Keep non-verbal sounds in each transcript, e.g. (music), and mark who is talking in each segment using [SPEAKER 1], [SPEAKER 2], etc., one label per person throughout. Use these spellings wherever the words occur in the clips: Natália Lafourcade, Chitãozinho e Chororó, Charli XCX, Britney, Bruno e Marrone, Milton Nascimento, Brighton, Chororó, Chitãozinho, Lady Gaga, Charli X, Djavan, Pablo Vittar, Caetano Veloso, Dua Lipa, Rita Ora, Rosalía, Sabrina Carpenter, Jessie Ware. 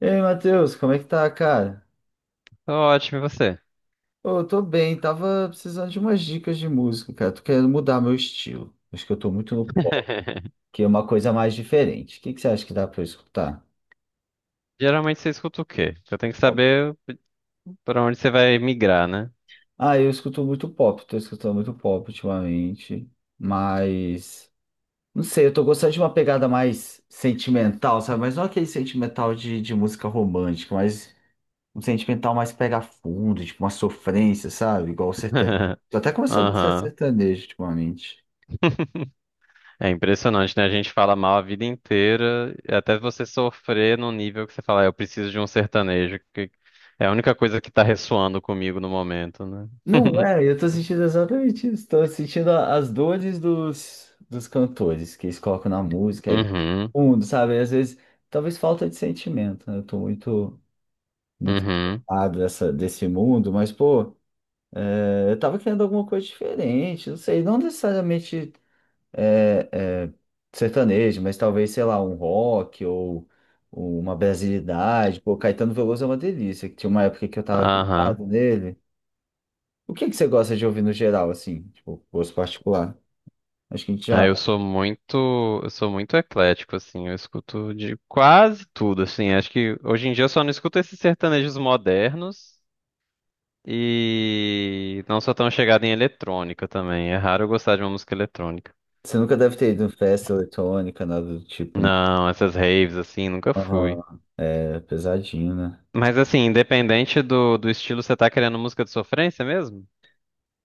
[SPEAKER 1] Ei, Matheus, como é que tá, cara?
[SPEAKER 2] Tô ótimo, e você?
[SPEAKER 1] Ô, eu tô bem, tava precisando de umas dicas de música, cara. Tô querendo mudar meu estilo. Acho que eu tô muito no pop,
[SPEAKER 2] (laughs)
[SPEAKER 1] que é uma coisa mais diferente. O que que você acha que dá pra eu escutar?
[SPEAKER 2] Geralmente você escuta o quê? Eu tenho que
[SPEAKER 1] Pop.
[SPEAKER 2] saber pra onde você vai migrar, né?
[SPEAKER 1] Ah, eu escuto muito pop, tô escutando muito pop ultimamente, mas não sei, eu tô gostando de uma pegada mais sentimental, sabe? Mas não aquele sentimental de música romântica, mas um sentimental mais pega fundo, tipo uma sofrência, sabe? Igual o sertanejo. Tô até
[SPEAKER 2] (laughs)
[SPEAKER 1] começando a gostar de
[SPEAKER 2] Aham.
[SPEAKER 1] sertanejo ultimamente.
[SPEAKER 2] (laughs) É impressionante, né? A gente fala mal a vida inteira, e até você sofrer num nível que você fala, "Ah, eu preciso de um sertanejo, que é a única coisa que tá ressoando comigo no momento, né?"
[SPEAKER 1] Não
[SPEAKER 2] (laughs)
[SPEAKER 1] é, eu tô sentindo exatamente isso. Tô sentindo as dores dos cantores que eles colocam na música aí,
[SPEAKER 2] Uhum,
[SPEAKER 1] fundo, sabe? Às vezes, talvez falta de sentimento, né? Eu tô muito, muito
[SPEAKER 2] uhum,
[SPEAKER 1] empolgado desse mundo, mas, pô, eu tava querendo alguma coisa diferente, não sei, não necessariamente é, é, sertanejo, mas talvez, sei lá, um rock ou uma brasilidade. Pô, Caetano Veloso é uma delícia, que tinha uma época que eu tava
[SPEAKER 2] aham.
[SPEAKER 1] vidrado nele. O que é que você gosta de ouvir no geral, assim? Tipo, gosto particular. Acho que a gente
[SPEAKER 2] Ah,
[SPEAKER 1] já.
[SPEAKER 2] eu sou muito eclético, assim, eu escuto de quase tudo, assim. Acho que hoje em dia eu só não escuto esses sertanejos modernos e não sou tão chegado em eletrônica também, é raro eu gostar de uma música eletrônica.
[SPEAKER 1] Você nunca deve ter ido em festa eletrônica, nada do tipo, né?
[SPEAKER 2] Não, essas raves, assim, nunca
[SPEAKER 1] Aham.
[SPEAKER 2] fui.
[SPEAKER 1] É pesadinho, né?
[SPEAKER 2] Mas, assim, independente do estilo, você tá querendo música de sofrência mesmo? O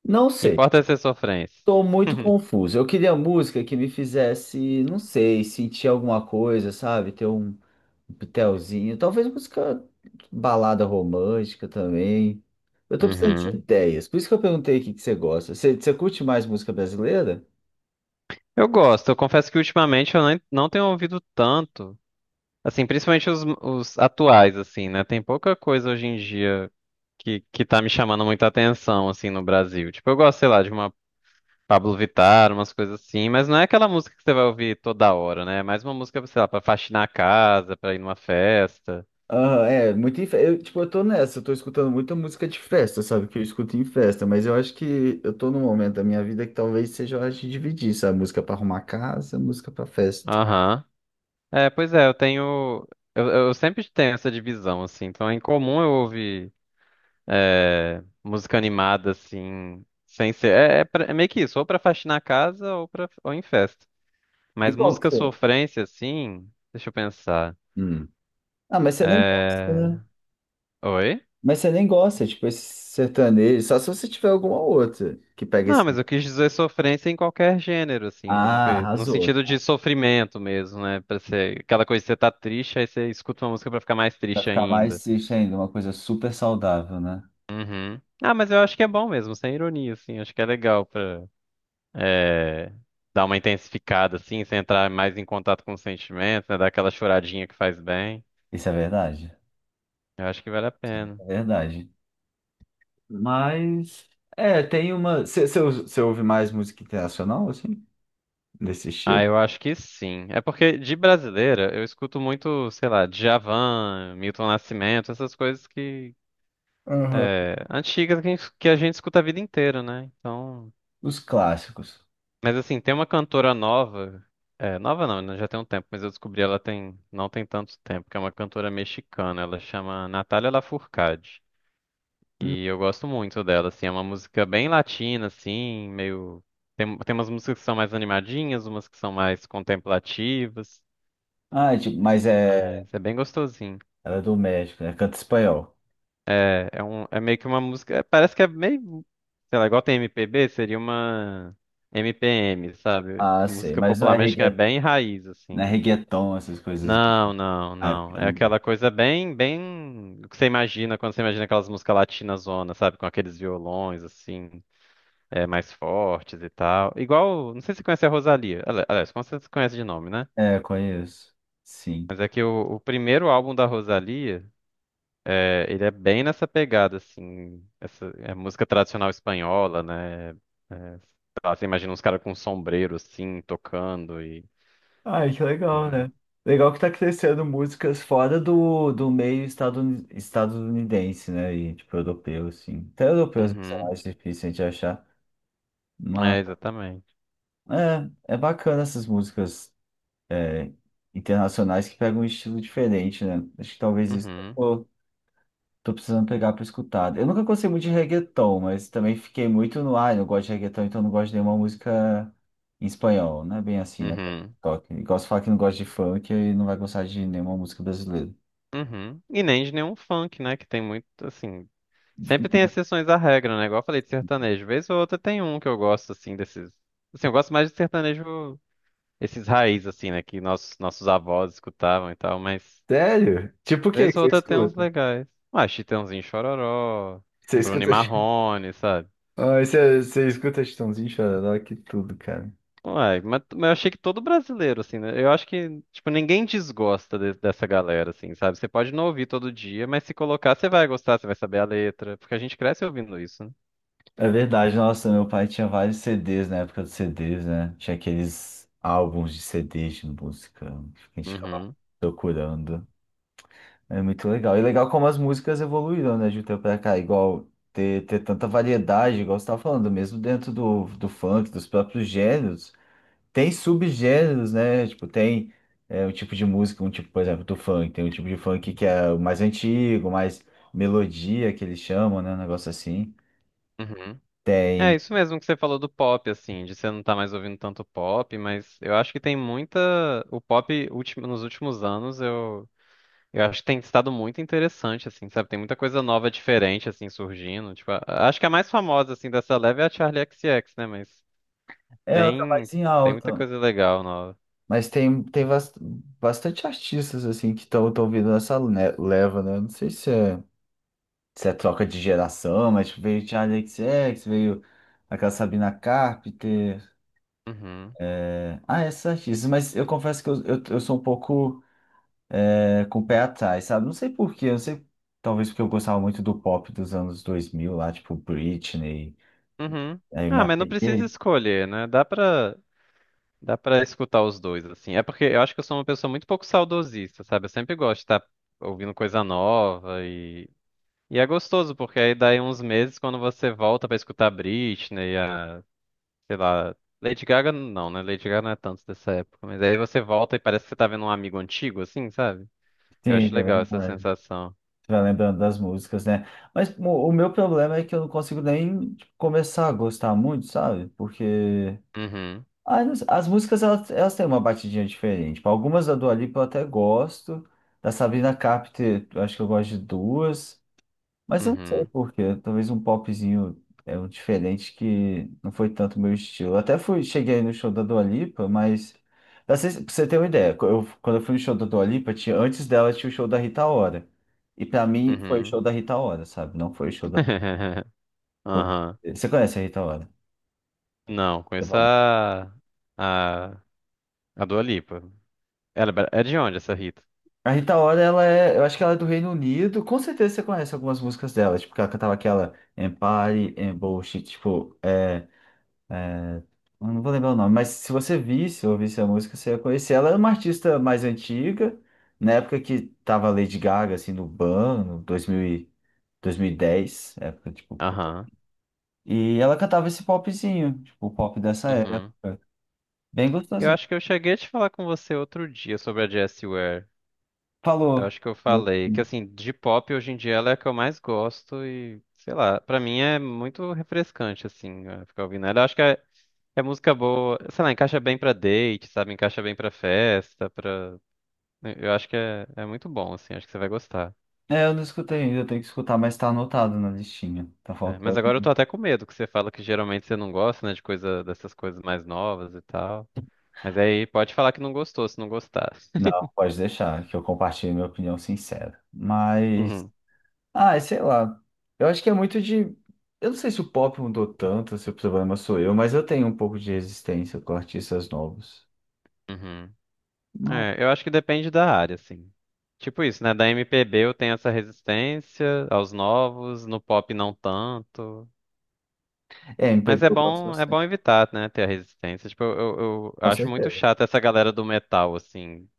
[SPEAKER 1] Não
[SPEAKER 2] que
[SPEAKER 1] sei.
[SPEAKER 2] importa é ser sofrência.
[SPEAKER 1] Tô muito
[SPEAKER 2] (laughs)
[SPEAKER 1] confuso. Eu queria música que me fizesse, não sei, sentir alguma coisa, sabe? Ter um pitelzinho. Talvez música balada romântica também. Eu tô precisando de
[SPEAKER 2] Uhum.
[SPEAKER 1] ideias. Por isso que eu perguntei o que que você gosta. Você, você curte mais música brasileira?
[SPEAKER 2] Eu gosto, eu confesso que ultimamente eu nem- não tenho ouvido tanto. Assim, principalmente os atuais, assim, né? Tem pouca coisa hoje em dia que tá me chamando muita atenção, assim, no Brasil. Tipo, eu gosto, sei lá, de uma Pablo Vittar, umas coisas assim, mas não é aquela música que você vai ouvir toda hora, né? É mais uma música, sei lá, pra faxinar a casa, pra ir numa festa.
[SPEAKER 1] Aham, é, muito em festa. Eu, tipo, eu tô nessa, eu tô escutando muita música de festa, sabe? Que eu escuto em festa, mas eu acho que eu tô num momento da minha vida que talvez seja hora de dividir, sabe? Música pra arrumar casa, música pra festa.
[SPEAKER 2] Aham. É, pois é, eu tenho. Eu sempre tenho essa divisão, assim. Então é incomum eu ouvir música animada, assim, sem ser. É meio que isso, ou pra faxinar a casa, ou pra, ou em festa.
[SPEAKER 1] E
[SPEAKER 2] Mas
[SPEAKER 1] qual que
[SPEAKER 2] música
[SPEAKER 1] você?
[SPEAKER 2] sofrência, assim, deixa eu pensar.
[SPEAKER 1] Hum. Ah, mas você nem gosta,
[SPEAKER 2] É...
[SPEAKER 1] né?
[SPEAKER 2] Oi?
[SPEAKER 1] Mas você nem gosta, tipo, esse sertanejo, só se você tiver alguma outra que pega
[SPEAKER 2] Não,
[SPEAKER 1] esse.
[SPEAKER 2] mas eu quis dizer sofrência em qualquer gênero, assim, né?
[SPEAKER 1] Ah,
[SPEAKER 2] Porque no
[SPEAKER 1] arrasou.
[SPEAKER 2] sentido de sofrimento mesmo, né? Pra ser aquela coisa que você tá triste, aí você escuta uma música pra ficar mais
[SPEAKER 1] Vai
[SPEAKER 2] triste
[SPEAKER 1] ficar
[SPEAKER 2] ainda.
[SPEAKER 1] mais triste ainda, uma coisa super saudável, né?
[SPEAKER 2] Uhum. Ah, mas eu acho que é bom mesmo, sem ironia, assim. Acho que é legal pra é, dar uma intensificada, assim, você entrar mais em contato com os sentimentos, né? Dar aquela choradinha que faz bem.
[SPEAKER 1] Isso é verdade.
[SPEAKER 2] Eu acho que vale a
[SPEAKER 1] Isso
[SPEAKER 2] pena.
[SPEAKER 1] é verdade. Mas é, tem uma. Você ouve mais música internacional, assim? Desse estilo?
[SPEAKER 2] Ah, eu acho que sim. É porque de brasileira eu escuto muito, sei lá, Djavan, Milton Nascimento, essas coisas que
[SPEAKER 1] Aham.
[SPEAKER 2] antigas, que a gente escuta a vida inteira, né? Então,
[SPEAKER 1] Os clássicos.
[SPEAKER 2] mas assim, tem uma cantora nova, é, nova não, né, já tem um tempo, mas eu descobri ela tem não tem tanto tempo, que é uma cantora mexicana, ela chama Natália Lafourcade.
[SPEAKER 1] Hum.
[SPEAKER 2] E eu gosto muito dela, assim, é uma música bem latina, assim, meio tem umas músicas que são mais animadinhas, umas que são mais contemplativas.
[SPEAKER 1] Ah, é tipo, mas é.
[SPEAKER 2] Mas é bem gostosinho.
[SPEAKER 1] Ela é do México, né? Canta espanhol.
[SPEAKER 2] É, é um, é meio que uma música. É, Parece que é meio. Sei lá, igual tem MPB, seria uma MPM, sabe?
[SPEAKER 1] Ah, sei.
[SPEAKER 2] Música
[SPEAKER 1] Mas não é
[SPEAKER 2] popular mexicana é
[SPEAKER 1] reggae,
[SPEAKER 2] bem raiz,
[SPEAKER 1] não é
[SPEAKER 2] assim.
[SPEAKER 1] reggaeton, essas coisas.
[SPEAKER 2] Não, não,
[SPEAKER 1] Ah, porque
[SPEAKER 2] não.
[SPEAKER 1] eu
[SPEAKER 2] É
[SPEAKER 1] não
[SPEAKER 2] aquela
[SPEAKER 1] gosto.
[SPEAKER 2] coisa bem, bem. O que você imagina quando você imagina aquelas músicas latinas zona, sabe? Com aqueles violões, assim, mais fortes e tal. Igual. Não sei se você conhece a Rosalía. Aliás, como você conhece de nome, né?
[SPEAKER 1] É, conheço. Sim.
[SPEAKER 2] Mas é que o primeiro álbum da Rosalía. É, ele é bem nessa pegada, assim, essa é música tradicional espanhola, né? É, sei lá, você imagina uns caras com um sombreiro, assim, tocando e...
[SPEAKER 1] Ai, que legal,
[SPEAKER 2] Uhum,
[SPEAKER 1] né? Legal que tá crescendo músicas fora do meio estadunidense, né? E tipo, europeu, assim. Até europeus isso é
[SPEAKER 2] uhum.
[SPEAKER 1] mais difícil de achar.
[SPEAKER 2] Exatamente.
[SPEAKER 1] É, é bacana essas músicas é, internacionais que pegam um estilo diferente, né? Acho que talvez isso
[SPEAKER 2] Uhum,
[SPEAKER 1] tô precisando pegar para escutar. Eu nunca gostei muito de reggaeton, mas também fiquei muito no, ar. Ah, eu não gosto de reggaeton, então eu não gosto de nenhuma música em espanhol, né? Bem assim, né?
[SPEAKER 2] uhum,
[SPEAKER 1] Toque. Gosto de falar que não gosta de funk e não vai gostar de nenhuma música brasileira.
[SPEAKER 2] uhum. E nem de nenhum funk, né? Que tem muito, assim... Sempre tem exceções à regra, né? Igual eu falei de sertanejo. Vez ou outra tem um que eu gosto, assim, desses... Assim, eu gosto mais de sertanejo, esses raiz, assim, né? Que nossos avós escutavam e tal, mas...
[SPEAKER 1] Sério? Tipo o que
[SPEAKER 2] Vez
[SPEAKER 1] que
[SPEAKER 2] ou
[SPEAKER 1] você
[SPEAKER 2] outra tem uns
[SPEAKER 1] escuta?
[SPEAKER 2] legais. Ah, Chitãozinho e Chororó,
[SPEAKER 1] Você
[SPEAKER 2] um Bruno e
[SPEAKER 1] escuta. (laughs)
[SPEAKER 2] Marrone, sabe?
[SPEAKER 1] Ai, você, você escuta Chitãozinho, Chororó, que tudo, cara.
[SPEAKER 2] Uai, mas eu achei que todo brasileiro, assim, né? Eu acho que, tipo, ninguém desgosta dessa galera, assim, sabe? Você pode não ouvir todo dia, mas se colocar, você vai gostar, você vai saber a letra, porque a gente cresce ouvindo isso, né?
[SPEAKER 1] É verdade, nossa, meu pai tinha vários CDs na época dos CDs, né? Tinha aqueles álbuns de CDs de música que a gente ficava
[SPEAKER 2] Uhum,
[SPEAKER 1] procurando. É muito legal. E legal como as músicas evoluíram, né, de um tempo pra cá. Igual ter tanta variedade, igual você tava falando, mesmo dentro do funk, dos próprios gêneros, tem subgêneros, né? Tipo, tem um tipo de música, um tipo, por exemplo, do funk. Tem um tipo de funk que é o mais antigo, mais melodia, que eles chamam, né? Um negócio assim.
[SPEAKER 2] uhum. É isso mesmo que você falou do pop, assim, de você não tá mais ouvindo tanto pop, mas eu acho que tem muita. O pop, nos últimos anos, Eu acho que tem estado muito interessante, assim, sabe? Tem muita coisa nova, diferente, assim, surgindo. Tipo, acho que a mais famosa, assim, dessa leve é a Charli X, C X, né? Mas
[SPEAKER 1] É, ela tá
[SPEAKER 2] tem,
[SPEAKER 1] mais em
[SPEAKER 2] tem muita
[SPEAKER 1] alta.
[SPEAKER 2] coisa legal nova.
[SPEAKER 1] Mas tem, bastante artistas, assim, que estão tão vindo nessa leva, né? Não sei se é troca de geração, mas tipo, veio Charli XCX, veio aquela Sabina Carpenter.
[SPEAKER 2] Uhum.
[SPEAKER 1] Esses artistas. Mas eu confesso que eu sou um pouco com o pé atrás, sabe? Não sei por quê, não sei. Talvez porque eu gostava muito do pop dos anos 2000, lá, tipo Britney.
[SPEAKER 2] Uhum.
[SPEAKER 1] Aí eu me
[SPEAKER 2] Ah, mas não precisa
[SPEAKER 1] apeguei.
[SPEAKER 2] escolher, né? Dá pra escutar os dois, assim. É porque eu acho que eu sou uma pessoa muito pouco saudosista, sabe? Eu sempre gosto de estar ouvindo coisa nova e... E é gostoso, porque aí daí uns meses, quando você volta pra escutar Britney, sei lá. Lady Gaga não, né? Lady Gaga não é tanto dessa época. Mas aí você volta e parece que você tá vendo um amigo antigo, assim, sabe?
[SPEAKER 1] Sim,
[SPEAKER 2] Eu
[SPEAKER 1] é
[SPEAKER 2] acho legal essa
[SPEAKER 1] verdade.
[SPEAKER 2] sensação.
[SPEAKER 1] Vai lembrando das músicas, né? Mas o meu problema é que eu não consigo nem tipo, começar a gostar muito, sabe? Porque
[SPEAKER 2] Uhum,
[SPEAKER 1] ah, não sei, as músicas elas têm uma batidinha diferente. Tipo, algumas da Dua Lipa eu até gosto, da Sabrina Carpenter eu acho que eu gosto de duas. Mas eu não sei
[SPEAKER 2] uhum,
[SPEAKER 1] por quê. Talvez um popzinho é um diferente que não foi tanto meu estilo. Eu até fui, cheguei no show da Dua Lipa, mas pra você ter uma ideia, quando eu fui no show da Dua Lipa, tinha, antes dela tinha o show da Rita Ora. E pra mim foi o
[SPEAKER 2] uhum.
[SPEAKER 1] show da Rita Ora, sabe? Não foi o show da Dua
[SPEAKER 2] (laughs) Aham.
[SPEAKER 1] Lipa. Você conhece a Rita Ora?
[SPEAKER 2] Não,
[SPEAKER 1] Eu
[SPEAKER 2] conheço
[SPEAKER 1] falo.
[SPEAKER 2] a, a Dua Lipa. Ela é é de onde essa Rita?
[SPEAKER 1] A Rita Ora, ela é, eu acho que ela é do Reino Unido. Com certeza você conhece algumas músicas dela, tipo, que ela cantava aquela Empire, Embush, tipo, é, eu não vou lembrar o nome, mas se você visse ou ouvisse a música, você ia conhecer. Ela é uma artista mais antiga, na época que tava Lady Gaga, assim, no 2000 2010, época, tipo.
[SPEAKER 2] Aham.
[SPEAKER 1] E ela cantava esse popzinho, tipo, o pop dessa
[SPEAKER 2] Uhum.
[SPEAKER 1] época. Bem
[SPEAKER 2] Eu
[SPEAKER 1] gostosinho.
[SPEAKER 2] acho que eu cheguei a te falar com você outro dia sobre a Jessie Ware. Eu
[SPEAKER 1] Falou.
[SPEAKER 2] acho que eu falei que,
[SPEAKER 1] Gostei.
[SPEAKER 2] assim, de pop hoje em dia ela é a que eu mais gosto e, sei lá, pra mim é muito refrescante, assim, ficar ouvindo ela. Eu acho que é música boa, sei lá, encaixa bem pra date, sabe? Encaixa bem pra festa, pra... Eu acho que é, é muito bom, assim, acho que você vai gostar.
[SPEAKER 1] É, eu não escutei ainda, eu tenho que escutar, mas tá anotado na listinha. Tá
[SPEAKER 2] É, mas
[SPEAKER 1] faltando.
[SPEAKER 2] agora eu tô até com medo, que você fala que geralmente você não gosta, né, de coisa dessas coisas mais novas e tal. Mas aí pode falar que não gostou, se não gostar.
[SPEAKER 1] Não, pode deixar, que eu compartilho minha opinião sincera. Mas.
[SPEAKER 2] Uhum.
[SPEAKER 1] Ah, sei lá. Eu acho que é muito de. Eu não sei se o pop mudou tanto, se o problema sou eu, mas eu tenho um pouco de resistência com artistas novos.
[SPEAKER 2] Uhum.
[SPEAKER 1] Mas-
[SPEAKER 2] É, eu acho que depende da área, assim. Tipo isso, né? Da MPB eu tenho essa resistência aos novos, no pop não tanto.
[SPEAKER 1] É,
[SPEAKER 2] Mas
[SPEAKER 1] MPB eu gosto
[SPEAKER 2] é
[SPEAKER 1] bastante.
[SPEAKER 2] bom evitar, né? Ter a resistência. Tipo, eu
[SPEAKER 1] Com
[SPEAKER 2] acho muito
[SPEAKER 1] certeza.
[SPEAKER 2] chato essa galera do metal, assim.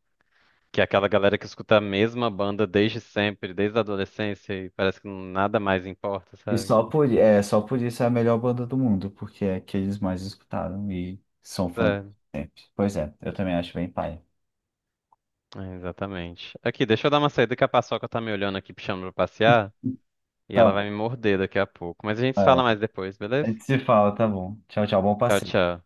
[SPEAKER 2] Que é aquela galera que escuta a mesma banda desde sempre, desde a adolescência, e parece que nada mais importa,
[SPEAKER 1] E
[SPEAKER 2] sabe?
[SPEAKER 1] só só por isso é a melhor banda do mundo, porque é que eles mais escutaram e são fãs de
[SPEAKER 2] É,
[SPEAKER 1] sempre. Pois é, eu também acho bem pai.
[SPEAKER 2] é, exatamente. Aqui, deixa eu dar uma saída, que a Paçoca tá me olhando aqui, me chamando pra passear, e
[SPEAKER 1] Tá
[SPEAKER 2] ela vai
[SPEAKER 1] bom,
[SPEAKER 2] me morder daqui a pouco. Mas a gente se
[SPEAKER 1] vai
[SPEAKER 2] fala
[SPEAKER 1] lá.
[SPEAKER 2] mais depois,
[SPEAKER 1] A
[SPEAKER 2] beleza?
[SPEAKER 1] gente se fala, tá bom. Tchau, tchau, bom
[SPEAKER 2] Tchau,
[SPEAKER 1] passeio.
[SPEAKER 2] tchau.